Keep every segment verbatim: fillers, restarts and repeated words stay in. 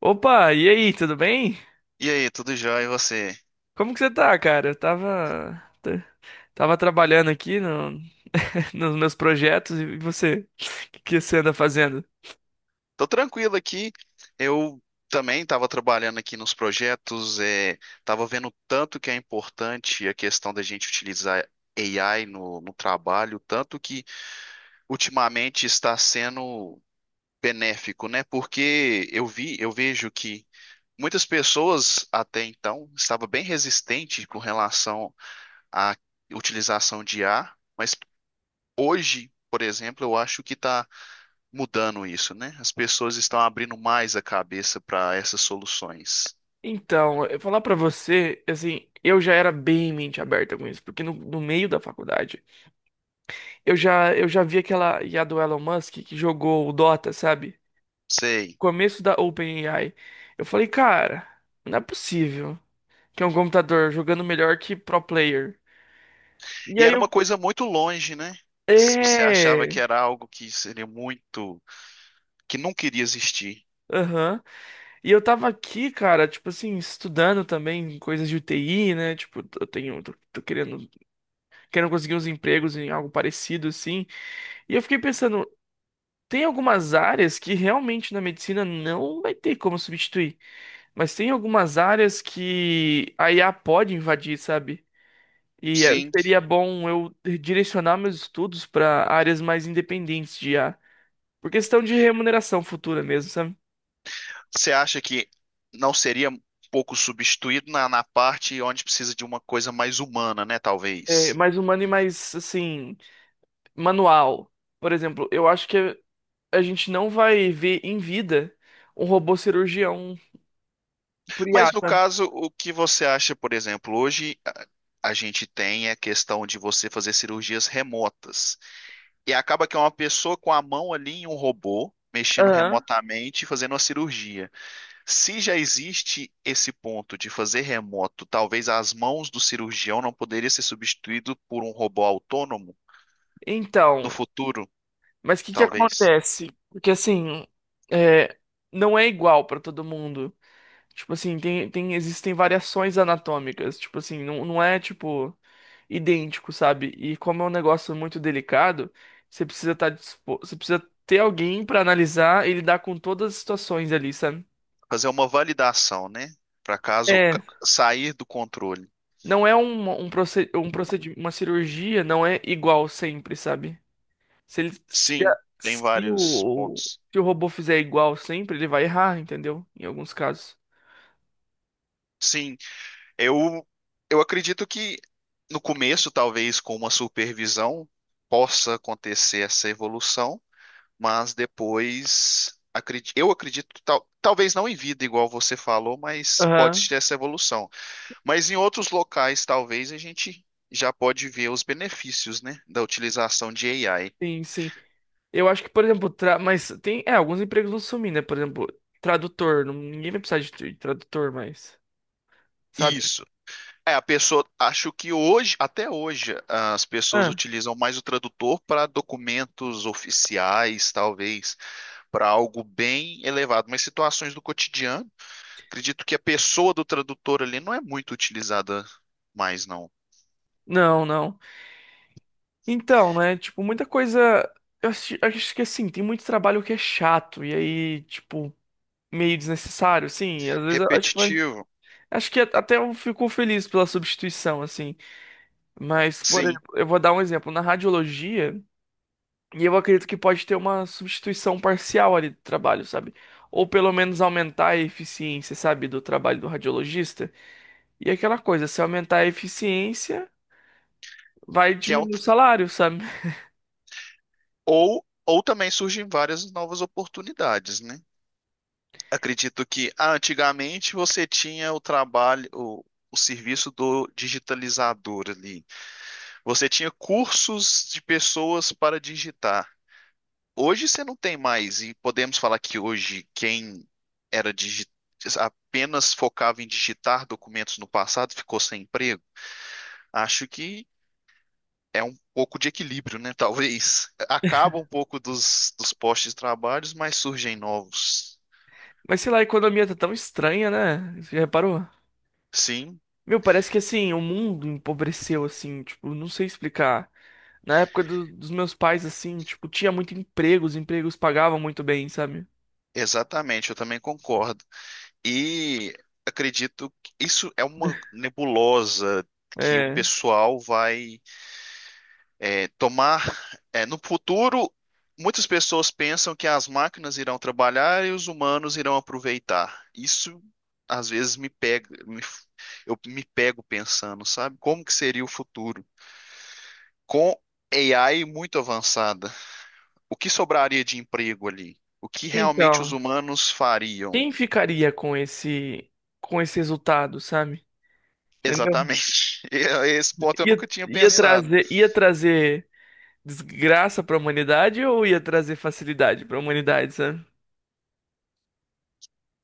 Opa, e aí, tudo bem? E aí, tudo jóia? E você? Como que você tá, cara? Eu tava, t- tava trabalhando aqui no, nos meus projetos e você, o que que você anda fazendo? Tô tranquilo aqui. Eu também estava trabalhando aqui nos projetos, é, estava vendo o tanto que é importante a questão da gente utilizar A I no, no trabalho, tanto que ultimamente está sendo benéfico, né? Porque eu vi, eu vejo que muitas pessoas até então estavam bem resistentes com relação à utilização de I A, mas hoje, por exemplo, eu acho que está mudando isso, né? As pessoas estão abrindo mais a cabeça para essas soluções. Então, eu falar pra você, assim, eu já era bem mente aberta com isso, porque no, no meio da faculdade, eu já, eu já vi aquela I A do Elon Musk que jogou o Dota, sabe? Sei. Começo da OpenAI. Eu falei, cara, não é possível que é um computador jogando melhor que pro player. E E aí era eu... uma coisa muito longe, né? Se Você achava que É... era algo que seria muito, que nunca iria existir. Aham. E eu tava aqui, cara, tipo assim, estudando também coisas de U T I, né? Tipo, eu tenho, tô, tô querendo, querendo conseguir uns empregos em algo parecido, assim. E eu fiquei pensando, tem algumas áreas que realmente na medicina não vai ter como substituir, mas tem algumas áreas que a I A pode invadir, sabe? E eh, Sim. seria bom eu direcionar meus estudos para áreas mais independentes de I A, por questão de remuneração futura mesmo, sabe? Você acha que não seria um pouco substituído na, na parte onde precisa de uma coisa mais humana, né? É, Talvez. mais humano e mais, assim. Manual. Por exemplo, eu acho que a gente não vai ver em vida um robô cirurgião por I A, Mas no tá? caso, o que você acha, por exemplo, hoje a, a gente tem é a questão de você fazer cirurgias remotas. E acaba que é uma pessoa com a mão ali em um robô, mexendo Aham. remotamente e fazendo uma cirurgia. Se já existe esse ponto de fazer remoto, talvez as mãos do cirurgião não poderiam ser substituído por um robô autônomo no Então, futuro, mas o que que talvez. acontece? Porque assim, é, não é igual para todo mundo. Tipo assim, tem, tem, existem variações anatômicas. Tipo assim, não, não é tipo idêntico, sabe? E como é um negócio muito delicado, você precisa estar disposto, você precisa ter alguém para analisar e lidar com todas as situações ali, sabe? Fazer uma validação, né? Para caso ca- É, sair do controle. não é um, um, proced, um procedi- uma cirurgia, não é igual sempre, sabe? Se ele, se, a- Sim, tem se vários o, pontos. se o robô fizer igual sempre, ele vai errar, entendeu? Em alguns casos. Sim, eu eu acredito que no começo, talvez com uma supervisão, possa acontecer essa evolução, mas depois acredi- eu acredito, tal- talvez não em vida, igual você falou, mas pode Aham. ter essa evolução. Mas em outros locais, talvez a gente já pode ver os benefícios, né, da utilização de A I. Sim, sim. Eu acho que, por exemplo, tra... mas tem, é, alguns empregos vão sumir, né? Por exemplo, tradutor, não- ninguém vai precisar de tr- tradutor mais, sabe? Isso. É, a pessoa, acho que hoje, até hoje, as pessoas Ah, utilizam mais o tradutor para documentos oficiais, talvez, para algo bem elevado, mas situações do cotidiano, acredito que a pessoa do tradutor ali não é muito utilizada mais, não. não, não. Então, né, tipo, muita coisa, eu acho, acho que assim, tem muito trabalho que é chato, e aí, tipo, meio desnecessário, assim. Às vezes eu acho que vai. Repetitivo, Acho que até eu fico feliz pela substituição, assim. Mas, por sim, exemplo, eu vou dar um exemplo. Na radiologia, e eu acredito que pode ter uma substituição parcial ali do trabalho, sabe? Ou pelo menos aumentar a eficiência, sabe, do trabalho do radiologista. E aquela coisa, se aumentar a eficiência, vai que é um, diminuir o salário, sabe? ou ou também surgem várias novas oportunidades, né? Acredito que ah, antigamente você tinha o trabalho, o, o serviço do digitalizador ali. Você tinha cursos de pessoas para digitar. Hoje você não tem mais, e podemos falar que hoje quem era digi- apenas focava em digitar documentos no passado ficou sem emprego. Acho que é um pouco de equilíbrio, né? Talvez acaba um pouco dos, dos postos de trabalhos, mas surgem novos. Mas sei lá, a economia tá tão estranha, né? Você já reparou? Sim, Meu, parece que assim, o mundo empobreceu, assim, tipo, não sei explicar. Na época do- dos meus pais, assim, tipo, tinha muito emprego, os empregos pagavam muito bem, sabe? exatamente, eu também concordo. E acredito que isso é uma nebulosa que o É. pessoal vai é, tomar. É, no futuro, muitas pessoas pensam que as máquinas irão trabalhar e os humanos irão aproveitar. Isso às vezes me pega, me- eu me pego pensando, sabe? Como que seria o futuro? Com A I muito avançada, o que sobraria de emprego ali? O que realmente os Então, humanos fariam? quem ficaria com esse com esse resultado, sabe? Entendeu? Exatamente. Esse ponto eu Ia, nunca tinha ia pensado. trazer, ia trazer desgraça pra humanidade ou ia trazer facilidade pra humanidade, sabe?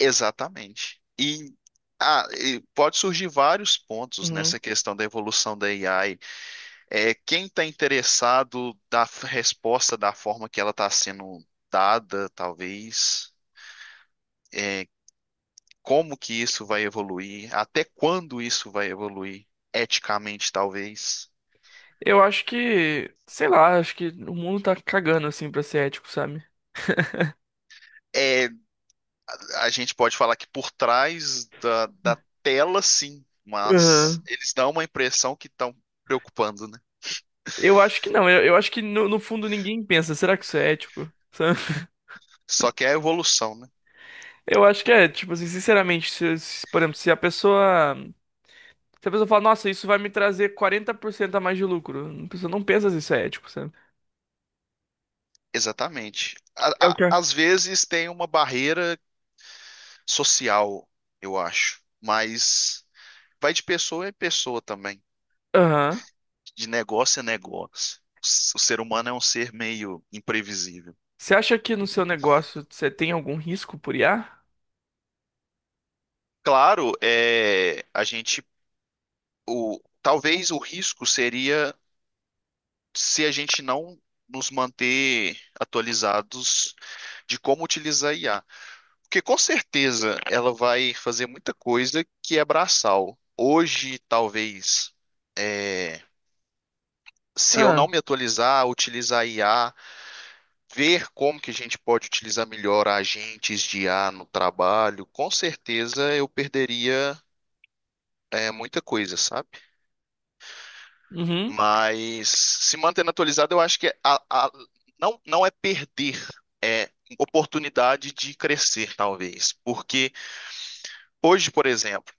Exatamente. E, ah, e pode surgir vários pontos Uhum. nessa questão da evolução da A I. É, quem está interessado da f- resposta da forma que ela está sendo dada, talvez. É, como que isso vai evoluir? Até quando isso vai evoluir? Eticamente, talvez. Eu acho que, sei lá, acho que o mundo tá cagando assim pra ser ético, sabe? É, a gente pode falar que por trás da, da tela, sim, mas Uhum. eles dão uma impressão que estão preocupando, né? Eu acho que não, eu, eu acho que no, no fundo ninguém pensa, será que isso é ético? Só que é a evolução, né? Eu acho que é, tipo assim, sinceramente, se, se, por exemplo, se a pessoa. Se a pessoa fala, nossa, isso vai me trazer quarenta por cento a mais de lucro, a pessoa não pensa se isso é ético, sabe? Exatamente. A- É o a- quê? Às vezes tem uma barreira social, eu acho, mas vai de pessoa em pessoa também, Aham. de negócio a negócio. O ser humano é um ser meio imprevisível. Você acha que no seu negócio você tem algum risco por I A? Claro, é, a gente, o, talvez o risco seria se a gente não nos manter atualizados de como utilizar a I A. Porque com certeza ela vai fazer muita coisa que é braçal. Hoje, talvez, se eu não Ah, me atualizar, utilizar a I A, ver como que a gente pode utilizar melhor agentes de I A no trabalho, com certeza eu perderia, é, muita coisa, sabe? uhum. Mas se mantendo atualizado, eu acho que é a- a- não, não é perder, é oportunidade de crescer, talvez. Porque hoje, por exemplo,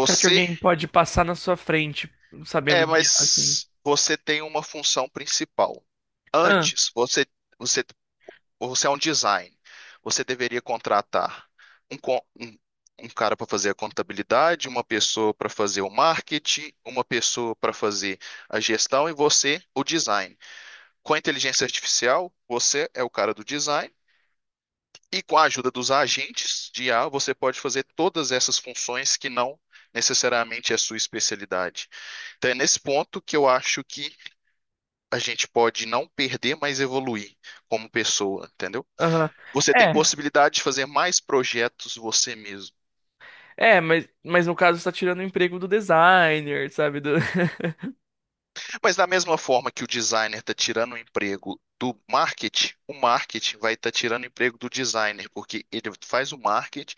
Será que alguém pode passar na sua frente sabendo é, de I A, assim? mas você tem uma função principal. Ah, Antes, você, você, você é um design. Você deveria contratar um, con- um, um cara para fazer a contabilidade, uma pessoa para fazer o marketing, uma pessoa para fazer a gestão e você o design. Com a inteligência artificial, você é o cara do design e com a ajuda dos agentes de I A, você pode fazer todas essas funções que não necessariamente é a sua especialidade. Então é nesse ponto que eu acho que a gente pode não perder, mas evoluir como pessoa, entendeu? aham. Você tem É. possibilidade de fazer mais projetos você mesmo. É, mas, mas no caso você tá tirando o emprego do designer, sabe? Do... Mas da mesma forma que o designer está tirando o emprego do marketing, o marketing vai estar tirando o emprego do designer, porque ele faz o marketing,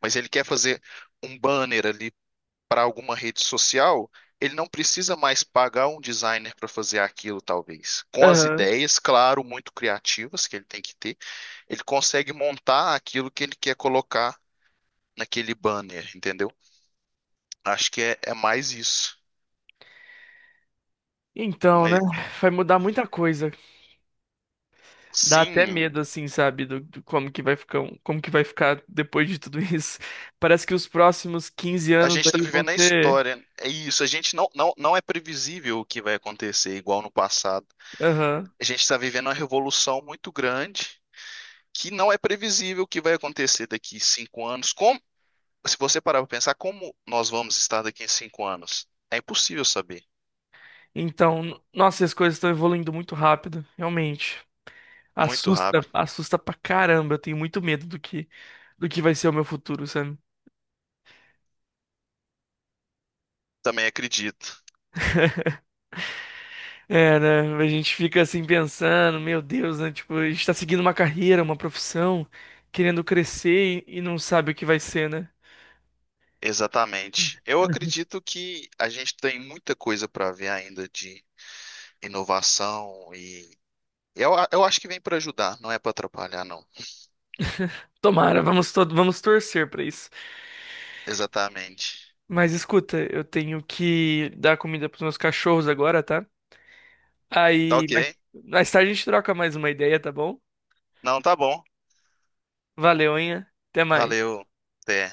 mas ele quer fazer um banner ali para alguma rede social, ele não precisa mais pagar um designer para fazer aquilo, talvez. Com as Aham. ideias, claro, muito criativas que ele tem que ter, ele consegue montar aquilo que ele quer colocar naquele banner, entendeu? Acho que é, é mais isso. Então, né? Mas Vai mudar muita coisa. Dá até sim, medo, assim, sabe, do, do como que vai ficar, um- como que vai ficar depois de tudo isso. Parece que os próximos quinze a anos gente está aí vão vivendo a ser. história. É isso, a gente não, não, não é previsível o que vai acontecer, igual no passado. Aham. A gente está vivendo uma revolução muito grande que não é previsível o que vai acontecer daqui cinco anos. Como, se você parar para pensar, como nós vamos estar daqui em cinco anos? É impossível saber. Então, n- nossa, as coisas estão evoluindo muito rápido, realmente. Muito Assusta, rápido. assusta pra caramba. Eu tenho muito medo do que, do que vai ser o meu futuro, sabe? Também acredito. É, né? A gente fica assim pensando, meu Deus, né? Tipo, a gente tá seguindo uma carreira, uma profissão, querendo crescer e, e não sabe o que vai ser, né? Exatamente. Eu acredito que a gente tem muita coisa para ver ainda de inovação e eu, a- eu acho que vem para ajudar, não é para atrapalhar, não. Tomara, vamos, to vamos torcer pra isso. Exatamente. Mas escuta, eu tenho que dar comida pros meus cachorros agora, tá? Tá Aí, ok? mais, mais tarde a gente troca mais uma ideia, tá bom? Não, tá bom. Valeu, hein? Até mais. Valeu. Até.